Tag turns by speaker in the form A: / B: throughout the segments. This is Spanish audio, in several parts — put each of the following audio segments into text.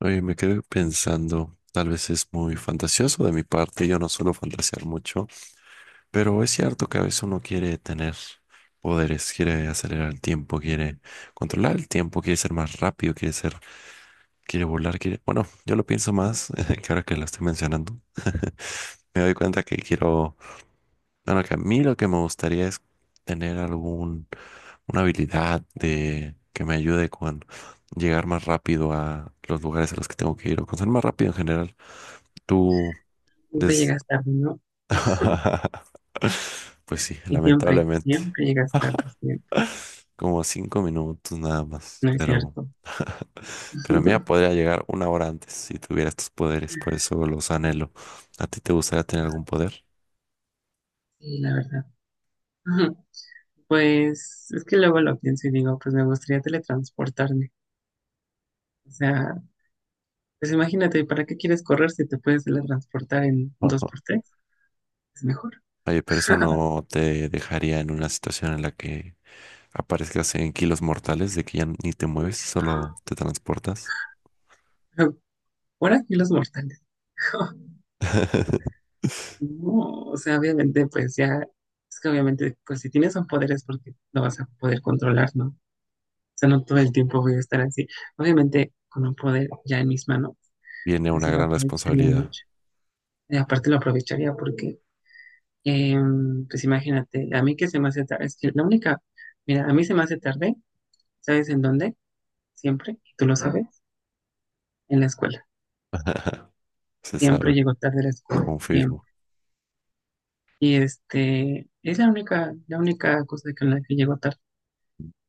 A: Oye, me quedé pensando, tal vez es muy fantasioso de mi parte, yo no suelo fantasear mucho, pero es cierto que a veces uno quiere tener poderes, quiere acelerar el tiempo, quiere controlar el tiempo, quiere ser más rápido, quiere volar, quiere... Bueno, yo lo pienso más, que ahora que lo estoy mencionando, me doy cuenta que que a mí lo que me gustaría es tener una habilidad de que me ayude con llegar más rápido a los lugares a los que tengo que ir o con ser más rápido en general. Tú,
B: Siempre
A: des...
B: llegas tarde, ¿no?
A: pues sí,
B: Y siempre,
A: lamentablemente,
B: siempre llegas tarde, siempre.
A: como 5 minutos nada más,
B: No es cierto.
A: pero mía podría llegar una hora antes si tuviera estos poderes, por eso los
B: Mm.
A: anhelo. ¿A ti te gustaría tener algún poder?
B: Sí, la verdad. Pues es que luego lo pienso y digo, pues me gustaría teletransportarme. O sea, pues imagínate, ¿para qué quieres correr si te puedes teletransportar en un
A: Ojo.
B: 2x3? Es mejor.
A: Oye, pero eso no te dejaría en una situación en la que aparezcas en kilos mortales de que ya ni te mueves, solo te transportas.
B: Pero por aquí los mortales. No, o sea, obviamente, pues ya, es que obviamente, pues si tienes un poder es porque lo vas a poder controlar, ¿no? Sea, no todo el tiempo voy a estar así. Obviamente, con un poder ya en mis manos,
A: Viene
B: pues
A: una
B: sí lo
A: gran
B: aprovecharía
A: responsabilidad.
B: mucho. Y aparte lo aprovecharía porque, eh, pues imagínate, a mí que se me hace tarde, es que la única, mira, a mí se me hace tarde, ¿sabes en dónde? Siempre, y tú lo sabes, en la escuela.
A: Se
B: Siempre
A: sabe,
B: llego tarde a la escuela, siempre.
A: confirmo.
B: Y este, es la única cosa con la que llego tarde.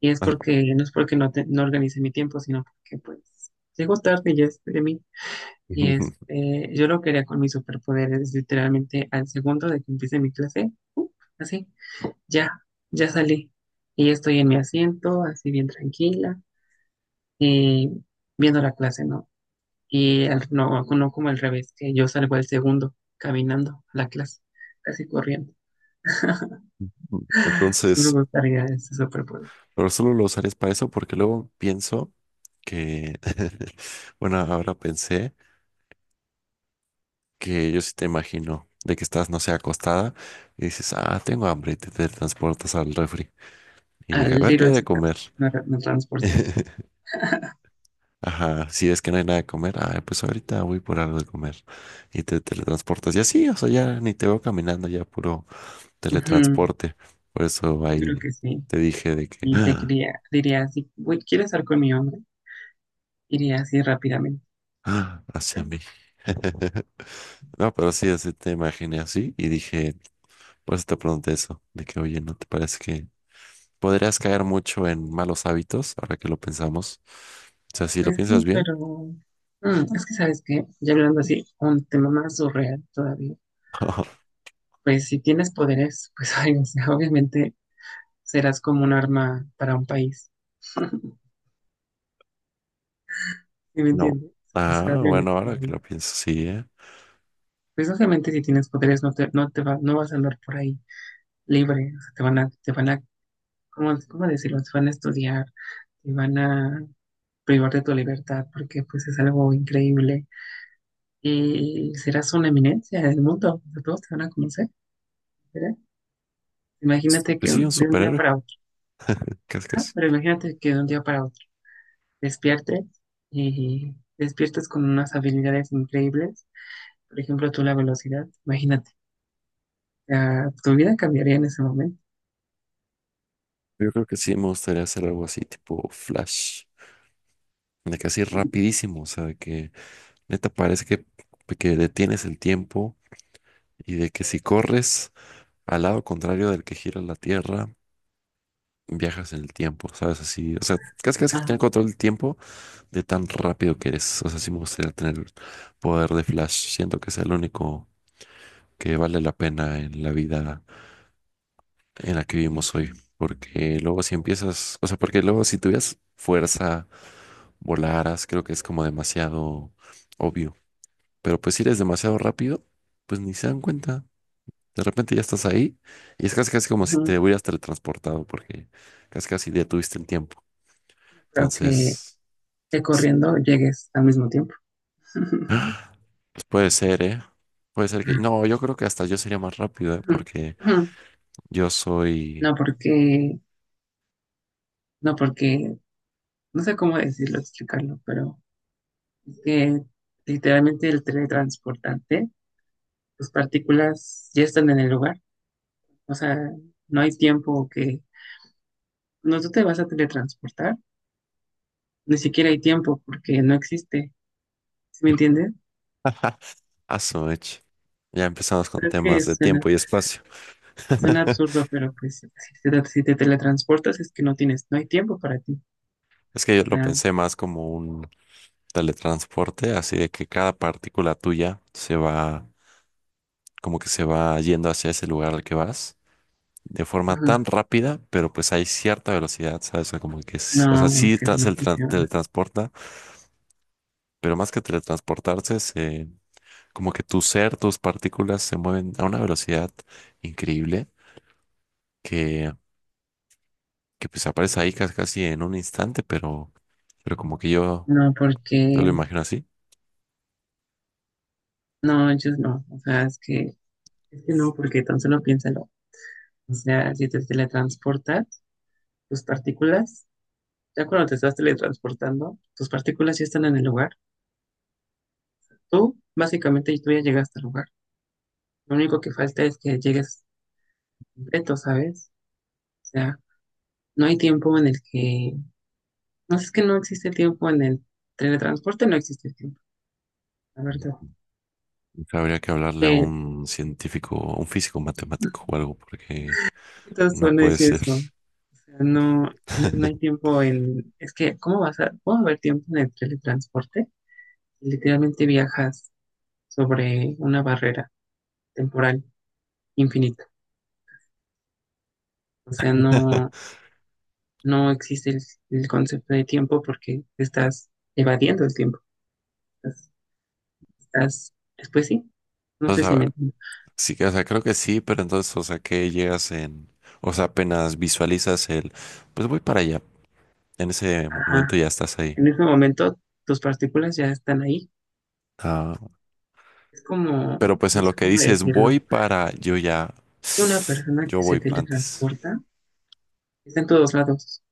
B: Y
A: Ah,
B: es porque no, no organice mi tiempo, sino porque pues llego tarde y ya es de mí. Y este, yo lo quería con mis superpoderes, literalmente al segundo de que empiece mi clase, así, ya, ya salí. Y ya estoy en mi asiento, así bien tranquila, y viendo la clase, ¿no? Y no, no como al revés, que yo salgo al segundo, caminando a la clase, casi corriendo. Sí me
A: Entonces,
B: gustaría ese superpoder.
A: pero solo lo usarías para eso porque luego pienso que, bueno, ahora pensé que yo sí te imagino de que estás, no sé, acostada y dices, ah, tengo hambre y te transportas al refri y
B: Al
A: dije, a ver qué hay
B: Little
A: de
B: Caesars
A: comer.
B: me, me transportaría.
A: Ajá, si es que no hay nada de comer, ah, pues ahorita voy por algo de comer y te teletransportas. Y así, o sea, ya ni te veo caminando, ya puro
B: Ujú,
A: teletransporte. Por eso
B: yo creo
A: ahí
B: que sí.
A: te dije de que,
B: Y te
A: ah,
B: quería, diría así: "Uy, ¿quieres estar con mi hombre?" Iría así rápidamente.
A: ah, hacia mí. No, pero sí, así te imaginé así y dije, por eso te pregunté eso, de que, oye, ¿no te parece que podrías caer mucho en malos hábitos ahora que lo pensamos? O sea, si lo
B: Pues
A: piensas
B: sí,
A: bien,
B: pero es que sabes qué, ya hablando así, un tema más surreal todavía, pues si tienes poderes, pues ay, o sea, obviamente serás como un arma para un país. ¿Sí me
A: no.
B: entiendes? O sea,
A: Ah, bueno,
B: obviamente,
A: ahora que lo pienso, sí, ¿eh?
B: pues obviamente si tienes poderes no te, no te va, no vas a andar por ahí libre, o sea, te van a, ¿cómo decirlo? Te van a estudiar, te van a privar de tu libertad, porque pues es algo increíble. Y serás una eminencia del mundo, o sea, todos te van a conocer, ¿verdad? Imagínate
A: Pues
B: que
A: sí, un
B: de un día
A: superhéroe,
B: para otro,
A: casi
B: ajá,
A: casi.
B: pero imagínate que de un día para otro despiertes y despiertes con unas habilidades increíbles. Por ejemplo, tú la velocidad, imagínate, o sea, tu vida cambiaría en ese momento.
A: Yo creo que sí me gustaría hacer algo así tipo Flash, de que así rapidísimo, o sea, de que neta parece que detienes el tiempo y de que si corres al lado contrario del que gira la Tierra, viajas en el tiempo, ¿sabes? Así, o sea, casi casi que tener
B: Ah,
A: control del tiempo de tan rápido que eres, o sea, sí me gustaría tener poder de Flash, siento que es el único que vale la pena en la vida en la que vivimos hoy. Porque luego si empiezas, o sea, porque luego si tuvieras fuerza, volaras, creo que es como demasiado obvio. Pero pues si eres demasiado rápido, pues ni se dan cuenta. De repente ya estás ahí y es casi casi como si
B: ujú,
A: te hubieras teletransportado porque casi casi detuviste el tiempo.
B: creo
A: Entonces,
B: que
A: s-
B: corriendo llegues al mismo tiempo.
A: pues puede ser, ¿eh? Puede ser que... No, yo creo que hasta yo sería más rápido, ¿eh? Porque
B: Ujú.
A: yo soy...
B: No porque, no porque, no sé cómo decirlo, explicarlo, pero es que literalmente el teletransportante, tus partículas ya están en el lugar. O sea, no hay tiempo que... No, tú te vas a teletransportar, ni siquiera hay tiempo porque no existe, ¿sí me entiendes?
A: Aso, ech. Ya empezamos con
B: Creo que
A: temas de
B: suena,
A: tiempo y espacio.
B: suena absurdo, pero pues si te, si te teletransportas es que no tienes, no hay tiempo para ti.
A: Es que yo
B: O
A: lo
B: sea,
A: pensé más como un teletransporte, así de que cada partícula tuya se va, como que se va yendo hacia ese lugar al que vas, de forma
B: ujú,
A: tan rápida, pero pues hay cierta velocidad, ¿sabes? O sea, como que,
B: no, es que así no funciona.
A: teletransporta, pero más que teletransportarse, se, como que tu ser, tus partículas se mueven a una velocidad increíble que, que pues aparece ahí casi, casi en un instante, pero, pero como que yo,
B: No,
A: yo
B: porque,
A: lo imagino así.
B: no, ellos no, o sea, es que no, porque tan solo piénsalo. O sea, si te teletransportas, tus partículas, ya cuando te estás teletransportando, tus partículas ya están en el lugar. Tú básicamente tú ya llegaste al lugar. Lo único que falta es que llegues completo, ¿sabes? O sea, no hay tiempo en el que... No es que no existe tiempo en el teletransporte, no existe tiempo, la verdad.
A: Habría que hablarle a
B: Eh,
A: un científico, a un físico matemático o algo, porque
B: es que todos
A: no
B: van a
A: puede
B: decir
A: ser.
B: eso. O sea, no, no, no hay tiempo en... Es que, ¿cómo vas a...? ¿Cómo va a haber tiempo en el teletransporte? Literalmente viajas sobre una barrera temporal infinita. O sea, no, no existe el concepto de tiempo porque estás evadiendo el tiempo. estás, Después sí, no
A: O
B: sé si
A: sea,
B: me entiendes.
A: sí, o sea, creo que sí, pero entonces, o sea, que llegas en, o sea, apenas visualizas el, pues voy para allá. En ese
B: Ajá.
A: momento ya estás ahí.
B: En ese momento tus partículas ya están ahí.
A: Ah,
B: Es como,
A: pero pues
B: no
A: en lo
B: sé
A: que
B: cómo
A: dices
B: decirlo.
A: voy para, yo ya,
B: Hay una persona
A: yo
B: que se
A: voy antes.
B: teletransporta, está en todos lados.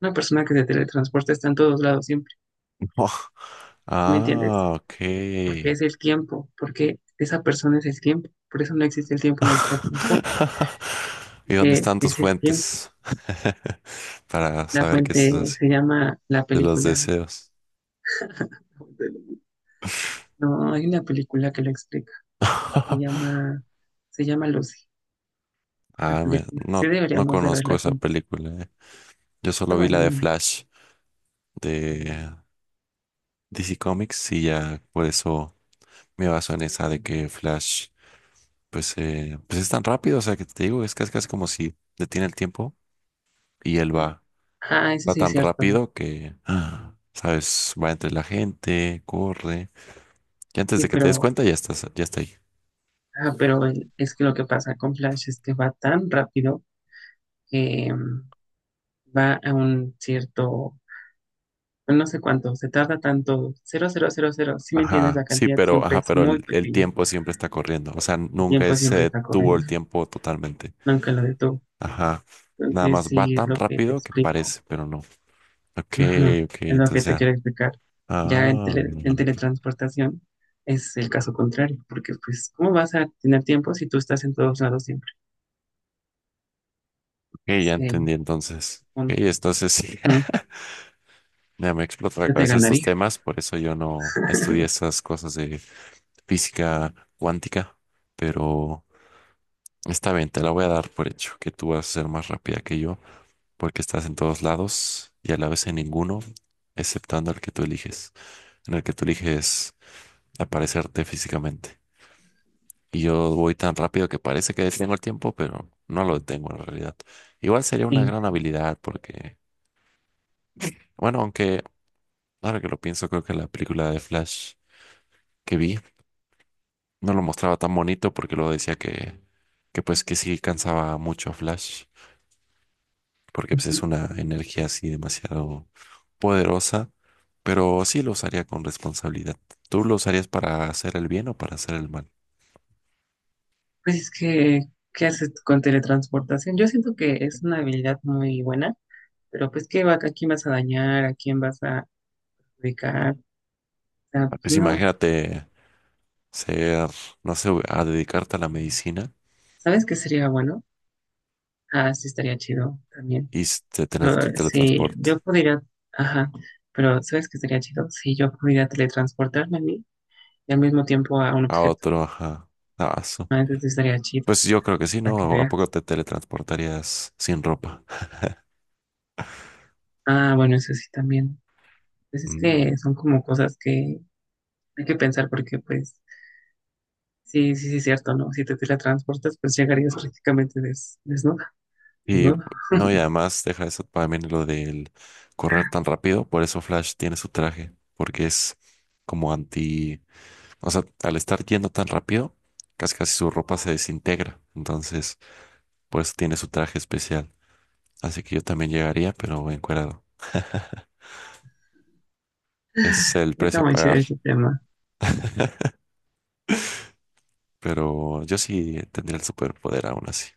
B: Una persona que se teletransporta está en todos lados siempre, ¿sí me entiendes?
A: Ah, ok.
B: Porque es el tiempo, porque esa persona es el tiempo. Por eso no existe el tiempo en el teletransporte,
A: ¿Y dónde
B: que
A: están tus
B: es el tiempo.
A: fuentes? Para
B: La
A: saber que esto
B: fuente
A: es así.
B: se llama la
A: De los
B: película.
A: deseos.
B: No, hay una película que lo explica. Se llama, se llama Lucy, la
A: Ah, mira,
B: película. Sí
A: no, no
B: deberíamos de
A: conozco
B: verla
A: esa
B: juntos.
A: película. Eh. Yo
B: Está
A: solo vi la
B: buena, mi
A: de
B: amor.
A: Flash de DC Comics y ya por eso me baso en esa de que Flash, pues, pues es tan rápido. O sea, que te digo, es casi, casi como si detiene el tiempo y él va,
B: Ah, eso
A: va
B: sí es
A: tan
B: cierto, ¿no?
A: rápido que, ah, sabes, va entre la gente, corre. Y antes
B: Sí,
A: de que te des
B: pero,
A: cuenta, ya estás, ya está ahí.
B: ah, pero es que lo que pasa con Flash es que va tan rápido que va a un cierto, no sé cuánto, se tarda tanto, cero cero cero cero si me entiendes,
A: Ajá,
B: la
A: sí,
B: cantidad
A: pero,
B: siempre
A: ajá,
B: es
A: pero
B: muy
A: el
B: pequeña,
A: tiempo siempre está corriendo. O sea,
B: el
A: nunca
B: tiempo
A: se
B: siempre está
A: detuvo el
B: corriendo,
A: tiempo totalmente.
B: nunca lo detuvo.
A: Ajá. Nada
B: Entonces,
A: más va
B: sí es
A: tan
B: lo que te
A: rápido que
B: explico.
A: parece, pero no. Ok,
B: Ujú,
A: ok,
B: es lo que
A: entonces
B: te
A: ya.
B: quiero explicar. Ya en,
A: Ah,
B: en teletransportación es el caso contrario, porque pues, ¿cómo vas a tener tiempo si tú estás en todos lados siempre?
A: ok, ya
B: Es el
A: entendí entonces. Ok,
B: punto.
A: entonces sí.
B: Ujú,
A: Ya me explotó la
B: yo te
A: cabeza estos
B: ganaría.
A: temas, por eso yo no estudié esas cosas de física cuántica, pero está bien, te la voy a dar por hecho, que tú vas a ser más rápida que yo. Porque estás en todos lados y a la vez en ninguno, exceptando el que tú eliges, en el que tú eliges aparecerte físicamente. Y yo voy tan rápido que parece que detengo el tiempo, pero no lo detengo en realidad. Igual sería una
B: Sí.
A: gran habilidad porque, bueno, aunque ahora que lo pienso, creo que la película de Flash que vi no lo mostraba tan bonito porque luego decía que pues que sí cansaba mucho a Flash, porque pues es
B: Ujú.
A: una energía así demasiado poderosa pero sí lo usaría con responsabilidad. ¿Tú lo usarías para hacer el bien o para hacer el mal?
B: Pues es que, ¿qué haces con teletransportación? Yo siento que es una habilidad muy buena, pero pues, ¿qué va, a quién vas a dañar? ¿A quién vas a ubicar? O sea,
A: Ah,
B: pues,
A: pues
B: no.
A: imagínate ser, no sé, a dedicarte a la medicina
B: ¿Sabes qué sería bueno? Ah, sí, estaría chido también.
A: y
B: Pero,
A: te
B: si
A: teletransporte
B: yo pudiera, ajá, pero ¿sabes qué sería chido? Si yo pudiera teletransportarme a mí y al mismo tiempo a un
A: a
B: objeto.
A: otro, ajá. Ah, su-
B: Ah, eso sí estaría chido,
A: Pues yo creo que sí,
B: para que
A: ¿no? ¿A poco
B: veas.
A: te teletransportarías sin ropa?
B: Ah, bueno, eso sí también. Pues es
A: Mm.
B: que son como cosas que hay que pensar porque, pues, sí, sí, sí, cierto, ¿no? Si te teletransportas, pues llegarías prácticamente des, desnuda,
A: Y
B: desnudo.
A: no, y además deja eso también lo del correr tan rápido, por eso Flash tiene su traje, porque es como anti. O sea, al estar yendo tan rápido, casi casi su ropa se desintegra. Entonces, por eso tiene su traje especial. Así que yo también llegaría, pero encuerado. Ese es el
B: Está
A: precio a
B: muy chido
A: pagar.
B: este tema.
A: Pero yo sí tendría el superpoder aún así.